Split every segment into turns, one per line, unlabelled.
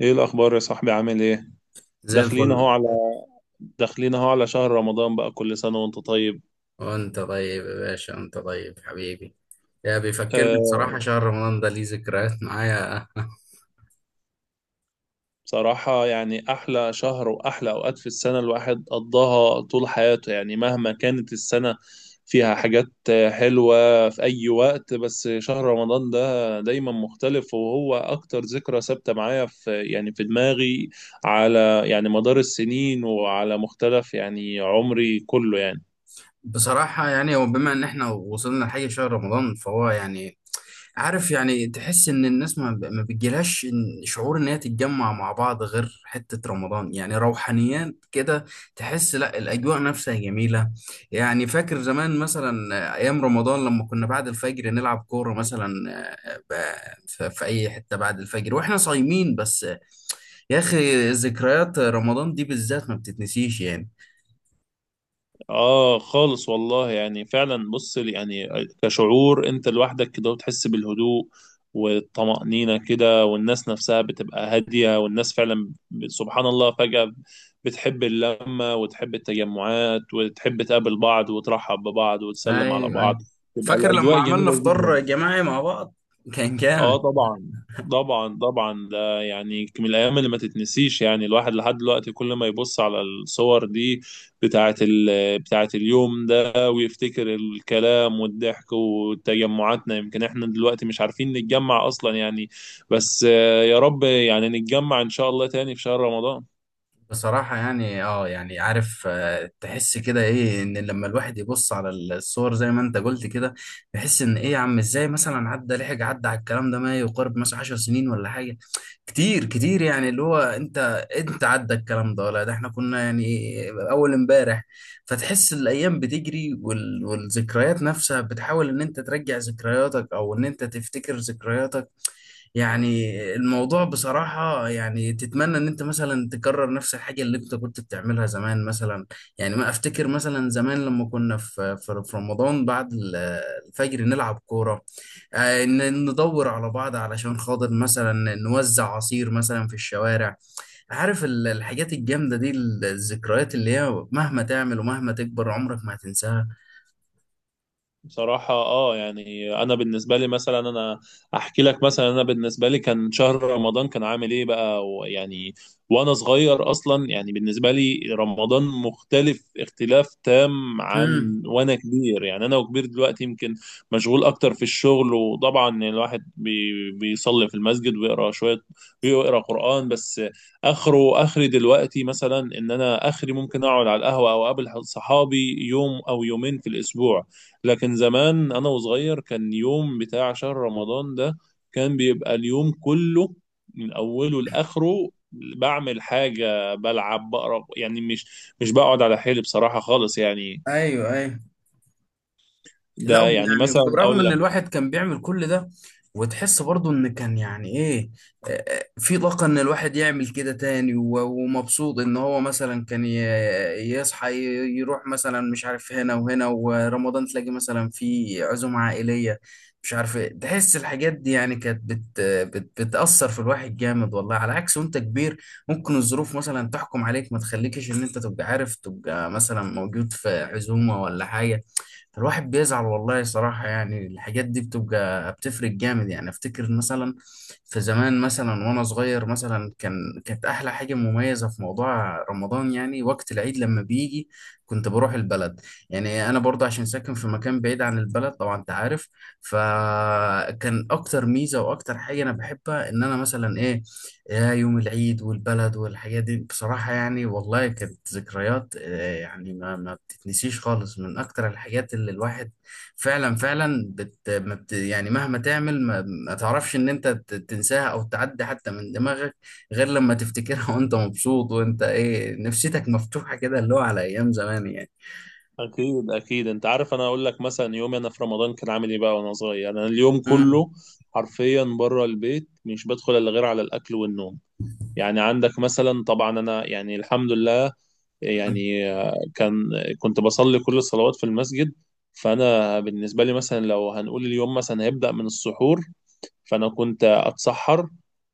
ايه الاخبار يا صاحبي؟ عامل ايه؟
زي
داخلين اهو
الفل.
على داخلين اهو على شهر رمضان بقى، كل سنه وانت طيب.
وانت طيب يا باشا، انت طيب حبيبي. يا بيفكرني،
أه.
بصراحة شهر رمضان ده ليه ذكريات معايا.
بصراحه يعني احلى شهر واحلى اوقات في السنه الواحد قضاها طول حياته، يعني مهما كانت السنه فيها حاجات حلوه في اي وقت، بس شهر رمضان ده دايما مختلف، وهو اكتر ذكرى ثابته معايا في، يعني في دماغي، على يعني مدار السنين وعلى مختلف يعني عمري كله يعني.
بصراحة يعني هو بما ان احنا وصلنا لحاجة شهر رمضان، فهو يعني عارف، يعني تحس ان الناس ما بتجيلهاش، شعور ان هي تتجمع مع بعض غير حتة رمضان، يعني روحانيات كده. تحس لا، الاجواء نفسها جميلة. يعني فاكر زمان مثلا، ايام رمضان لما كنا بعد الفجر نلعب كورة مثلا، في اي حتة بعد الفجر واحنا صايمين، بس يا اخي، ذكريات رمضان دي بالذات ما بتتنسيش يعني.
اه خالص والله، يعني فعلا بص يعني كشعور انت لوحدك كده وتحس بالهدوء والطمأنينة كده، والناس نفسها بتبقى هادية، والناس فعلا سبحان الله فجأة بتحب اللمة وتحب التجمعات وتحب تقابل بعض وترحب ببعض وتسلم على
ايوه،
بعض،
ايوه.
تبقى
فاكر لما
الأجواء
عملنا
جميلة جدا.
فطار جماعي مع بعض، كان
اه
جامد.
طبعا. طبعا طبعا، ده يعني من الايام اللي ما تتنسيش، يعني الواحد لحد دلوقتي كل ما يبص على الصور دي بتاعه اليوم ده ويفتكر الكلام والضحك وتجمعاتنا، يمكن احنا دلوقتي مش عارفين نتجمع اصلا يعني، بس يا رب يعني نتجمع ان شاء الله تاني في شهر رمضان.
بصراحة يعني يعني عارف، تحس كده ايه، ان لما الواحد يبص على الصور زي ما انت قلت كده، بيحس ان ايه يا عم، ازاي مثلا عدى، لحق عدى على الكلام ده ما يقارب مثلا 10 سنين ولا حاجة كتير كتير، يعني اللي هو انت عدى الكلام ده، ولا ده احنا كنا يعني اول امبارح. فتحس الايام بتجري والذكريات نفسها بتحاول ان انت ترجع ذكرياتك او ان انت تفتكر ذكرياتك يعني. الموضوع بصراحة يعني تتمنى ان انت مثلا تكرر نفس الحاجة اللي انت كنت بتعملها زمان مثلا. يعني ما افتكر مثلا زمان لما كنا في رمضان، بعد الفجر نلعب كورة، ندور على بعض علشان خاطر مثلا نوزع عصير مثلا في الشوارع، عارف الحاجات الجامدة دي، الذكريات اللي هي مهما تعمل ومهما تكبر عمرك ما هتنساها.
بصراحة اه يعني انا بالنسبة لي مثلا، انا احكي لك مثلا، انا بالنسبة لي كان شهر رمضان كان عامل ايه بقى ويعني وانا صغير. اصلا يعني بالنسبة لي رمضان مختلف اختلاف تام
امم،
عن وانا كبير، يعني انا وكبير دلوقتي يمكن مشغول اكتر في الشغل، وطبعا يعني الواحد بيصلي في المسجد ويقرا شوية ويقرا قرآن بس، اخره اخري دلوقتي مثلا ان انا اخري ممكن اقعد على القهوة او اقابل صحابي يوم او يومين في الاسبوع. لكن زمان انا وصغير كان يوم بتاع شهر رمضان ده كان بيبقى اليوم كله من اوله لاخره بعمل حاجه، بلعب، بقرا، يعني مش بقعد على حيلي بصراحه خالص يعني.
ايوه، ايوه. لا
ده
هو
يعني
يعني
مثلا اقول
برغم ان
لك.
الواحد كان بيعمل كل ده، وتحس برضه ان كان يعني ايه، في طاقة ان الواحد يعمل كده تاني، ومبسوط ان هو مثلا كان يصحى، يروح مثلا مش عارف هنا وهنا، ورمضان تلاقي مثلا في عزومة عائلية، مش عارف ايه. تحس الحاجات دي يعني كانت بت بت بتأثر في الواحد جامد والله، على عكس وانت كبير ممكن الظروف مثلا تحكم عليك، ما تخليكش ان انت تبقى عارف، تبقى مثلا موجود في عزومة ولا حاجة. فالواحد بيزعل والله صراحة، يعني الحاجات دي بتبقى بتفرق جامد يعني. افتكر مثلا في زمان مثلا وانا صغير مثلا، كانت احلى حاجة مميزة في موضوع رمضان، يعني وقت العيد لما بيجي كنت بروح البلد. يعني انا برضه عشان ساكن في مكان بعيد عن البلد، طبعا انت عارف. فكان اكتر ميزة واكتر حاجة انا بحبها، ان انا مثلا ايه، يا يوم العيد والبلد والحاجات دي، بصراحة يعني والله كانت ذكريات، يعني ما تنسيش خالص، من اكتر الحاجات اللي الواحد فعلا فعلا بت ما بت، يعني مهما تعمل ما تعرفش ان انت تنساها او تعدي حتى من دماغك، غير لما تفتكرها. وانت مبسوط، وانت ايه، نفسيتك مفتوحة كده اللي هو على ايام زمان يعني.
اكيد اكيد انت عارف، انا اقول لك مثلا يومي انا في رمضان كان عامل ايه بقى وانا صغير. انا اليوم
امم.
كله حرفيا بره البيت، مش بدخل الا غير على الاكل والنوم. يعني عندك مثلا، طبعا انا يعني الحمد لله
أمم.
يعني كنت بصلي كل الصلوات في المسجد. فانا بالنسبه لي مثلا لو هنقول اليوم مثلا هيبدا من السحور، فأنا كنت أتسحر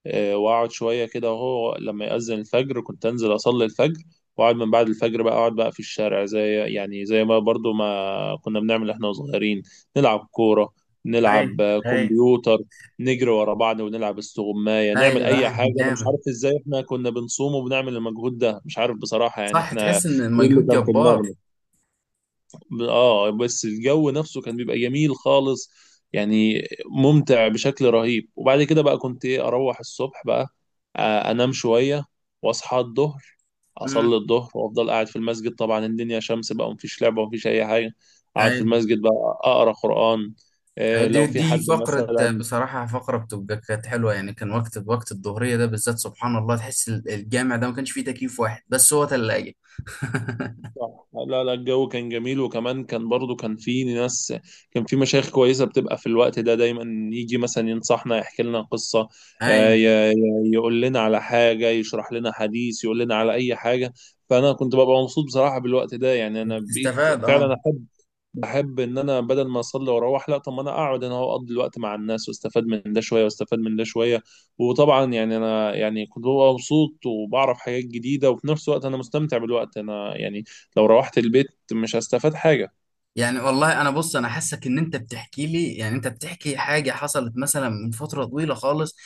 وأقعد شوية كده، وهو لما يأذن الفجر كنت أنزل أصلي الفجر وأقعد من بعد الفجر بقى، أقعد بقى في الشارع زي يعني زي ما برضو ما كنا بنعمل إحنا صغيرين، نلعب كورة، نلعب
ايوه، ايوه،
كمبيوتر، نجري ورا بعض، ونلعب استغماية، نعمل
ايوه،
أي
أيوة،
حاجة. أنا مش
جامد.
عارف إزاي إحنا كنا بنصوم وبنعمل المجهود ده، مش عارف بصراحة يعني
صح،
إحنا
تحس ان
إيه اللي
المجهود
كان في
جبار.
دماغنا. اه بس الجو نفسه كان بيبقى جميل خالص، يعني ممتع بشكل رهيب. وبعد كده بقى كنت ايه، اروح الصبح بقى انام شوية واصحى الظهر،
امم،
اصلي الظهر وافضل قاعد في المسجد. طبعا الدنيا شمس بقى ومفيش لعبة ومفيش اي حاجة، اقعد في
ايوه.
المسجد بقى اقرا قرآن.
دي
لو في
دي
حد
فقرة،
مثلا.
بصراحة فقرة بتبقى كانت حلوة يعني، كان وقت الظهرية ده بالذات، سبحان الله تحس الجامع ده ما كانش فيه تكييف واحد، بس هو تلاجة.
صح، لا لا الجو كان جميل، وكمان كان برضو كان في ناس، كان في مشايخ كويسة بتبقى في الوقت ده دايما يجي مثلا ينصحنا، يحكي لنا قصة،
أي.
آه، ي- ي- يقول لنا على حاجة، يشرح لنا حديث، يقول لنا على أي حاجة. فأنا كنت ببقى مبسوط بصراحة بالوقت ده، يعني أنا بقيت
بتستفاد، اه.
فعلا أحب، بحب ان انا بدل ما اصلي واروح، لا طب ما انا اقعد، انا هو اقضي الوقت مع الناس واستفاد من ده شويه واستفاد من ده شويه، وطبعا يعني انا يعني كنت ببقى مبسوط وبعرف حاجات جديده، وفي نفس الوقت انا مستمتع بالوقت. انا يعني لو روحت البيت مش هستفاد حاجه.
يعني والله انا بص، انا حاسك ان انت بتحكي لي، يعني انت بتحكي حاجه حصلت مثلا من فتره طويله خالص.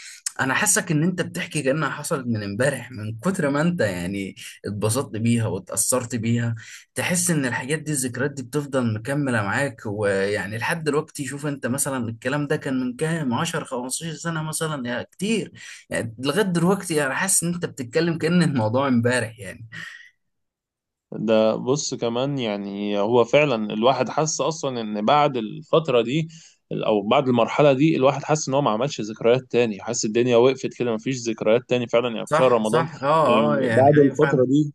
انا حاسك ان انت بتحكي كانها حصلت من امبارح، من كتر ما انت يعني اتبسطت بيها واتاثرت بيها. تحس ان الحاجات دي الذكريات دي بتفضل مكمله معاك، ويعني لحد دلوقتي شوف انت مثلا، الكلام ده كان من كام 10 15 سنه مثلا يا كتير، يعني لغايه دلوقتي انا حاسس ان انت بتتكلم كأن الموضوع امبارح يعني.
ده بص كمان، يعني هو فعلا الواحد حس اصلا ان بعد الفتره دي او بعد المرحله دي الواحد حس ان هو ما عملش ذكريات تاني، حس الدنيا وقفت كده، ما فيش ذكريات تاني فعلا يعني في شهر
صح،
رمضان.
صح، اه، اه،
يعني
يعني
بعد
ايوه،
الفتره
فعلا.
دي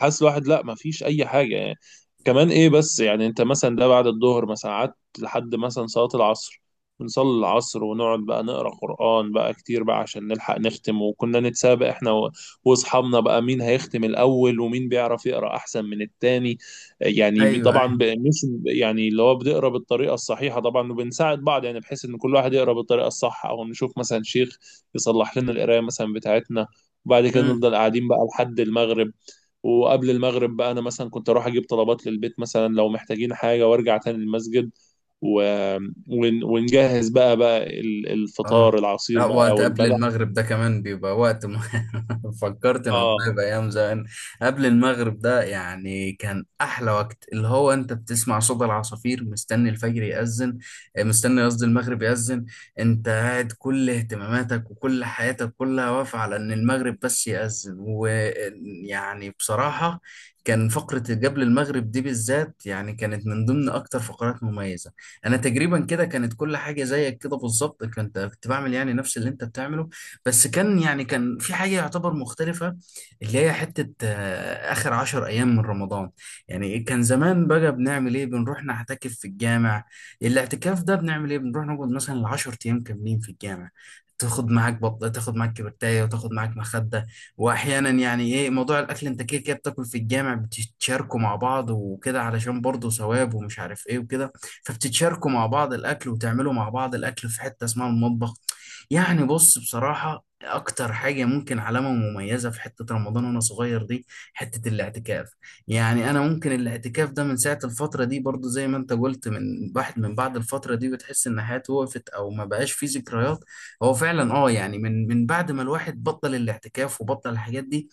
حاسس الواحد لا، ما فيش اي حاجه يعني. كمان ايه، بس يعني انت مثلا ده بعد الظهر مثلا قعدت لحد مثلا صلاه العصر، بنصلي العصر ونقعد بقى نقرا قران بقى كتير بقى عشان نلحق نختم، وكنا نتسابق احنا واصحابنا بقى مين هيختم الاول ومين بيعرف يقرا احسن من التاني. يعني
ايوه،
طبعا
ايوه.
مش يعني اللي هو بنقرا بالطريقه الصحيحه طبعا، وبنساعد بعض يعني بحيث ان كل واحد يقرا بالطريقه الصح، او نشوف مثلا شيخ يصلح لنا القرايه مثلا بتاعتنا. وبعد كده
إمم.
نفضل قاعدين بقى لحد المغرب. وقبل المغرب بقى انا مثلا كنت اروح اجيب طلبات للبيت مثلا لو محتاجين حاجه وارجع تاني المسجد و... ونجهز بقى
اه.
الفطار، العصير
لا،
بقى
وقت قبل
والبلح.
المغرب ده كمان بيبقى وقت فكرت ان والله
اه.
بايام زمان، قبل المغرب ده يعني كان احلى وقت، اللي هو انت بتسمع صوت العصافير مستني الفجر يأذن، مستني، قصدي، المغرب يأذن، انت قاعد كل اهتماماتك وكل حياتك كلها واقفة على ان المغرب بس يأذن، ويعني بصراحة كان فقرة قبل المغرب دي بالذات، يعني كانت من ضمن اكتر فقرات مميزة. انا تقريبا كده كانت كل حاجه زيك كده بالظبط، كنت بعمل يعني نفس اللي انت بتعمله، بس كان يعني كان في حاجه يعتبر مختلفه، اللي هي حته، اخر عشر ايام من رمضان. يعني كان زمان بقى بنعمل ايه، بنروح نعتكف في الجامع. الاعتكاف ده بنعمل ايه، بنروح نقعد مثلا 10 ايام كاملين في الجامع، تاخد معاك بطة، تاخد معاك كبرتاية، وتاخد معاك مخدة. واحيانا يعني ايه، موضوع الاكل انت كده كده بتاكل في الجامع، بتشاركوا مع بعض وكده علشان برضه ثواب، ومش عارف ايه وكده، فبتتشاركوا مع بعض الأكل وتعملوا مع بعض الأكل في حتة اسمها المطبخ. يعني بص بصراحة، أكتر حاجة ممكن علامة مميزة في حتة رمضان وأنا صغير دي، حتة الاعتكاف. يعني أنا ممكن الاعتكاف ده من ساعة الفترة دي، برضو زي ما أنت قلت، من واحد من بعد الفترة دي بتحس إن حياته وقفت، أو ما بقاش فيه ذكريات. هو فعلا يعني من بعد ما الواحد بطل الاعتكاف وبطل الحاجات دي،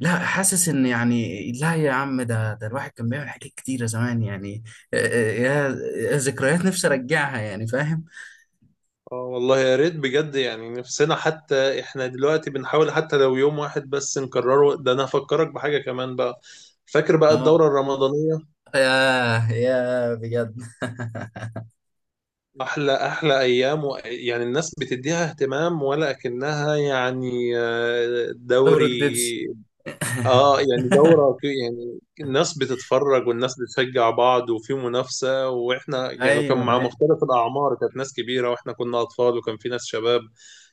لا حاسس ان يعني لا يا عم، ده الواحد كان بيعمل حاجات كتيرة زمان يعني، آه، آه، يا يا ذكريات، نفسي ارجعها يعني، فاهم.
اه والله يا ريت بجد، يعني نفسنا حتى احنا دلوقتي بنحاول حتى لو يوم واحد بس نكرره ده. انا هفكرك بحاجة كمان بقى، فاكر بقى
اه،
الدورة الرمضانية؟
يا بجد.
احلى احلى ايام يعني الناس بتديها اهتمام ولا اكنها يعني دوري.
دورة بيبسي.
اه يعني دورة، في يعني الناس بتتفرج والناس بتشجع بعض وفي منافسة، واحنا يعني كان
ايوه،
مع
ايوه،
مختلف الأعمار، كانت ناس كبيرة واحنا كنا أطفال وكان في ناس شباب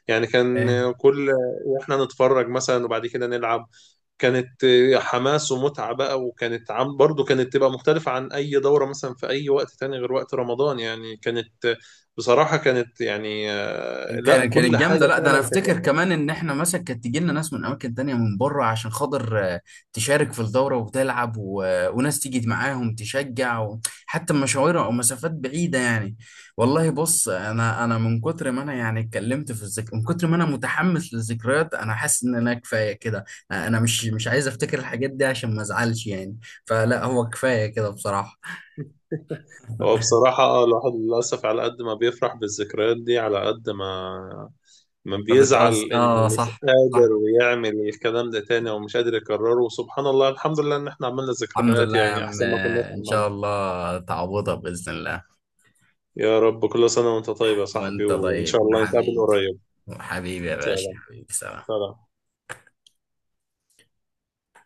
يعني. كان
أيوة.
كل، واحنا نتفرج مثلا وبعد كده نلعب، كانت حماس ومتعة بقى، وكانت برضو تبقى مختلفة عن أي دورة مثلا في أي وقت تاني غير وقت رمضان، يعني كانت بصراحة كانت يعني لا
كانت
كل
جامده.
حاجة
لا ده انا
فعلا.
افتكر كمان، ان احنا مثلا كانت تيجي لنا ناس من اماكن تانية من بره، عشان خاطر تشارك في الدوره وتلعب، وناس تيجي معاهم تشجع، حتى مشاوير او مسافات بعيده يعني. والله بص، انا من كتر ما انا يعني اتكلمت في من كتر ما انا متحمس للذكريات، انا حاسس ان انا كفايه كده. انا مش عايز افتكر الحاجات دي عشان ما ازعلش يعني، فلا هو كفايه كده بصراحه.
هو بصراحة الواحد للأسف على قد ما بيفرح بالذكريات دي، على قد ما بيزعل
بتقص،
إنه
اه،
مش
صح.
قادر
صح.
يعمل الكلام ده تاني أو مش قادر يكرره. وسبحان الله الحمد لله إن إحنا عملنا
الحمد
ذكريات
لله يا
يعني
عم،
أحسن ما كنا
ان شاء
عملنا.
الله تعوضها باذن الله.
يا رب. كل سنة وأنت طيب يا صاحبي،
وانت
وإن شاء
طيب
الله نتقابل
وحبيبي.
قريب.
حبيبي يا باشا،
سلام.
حبيبي، سلام.
سلام.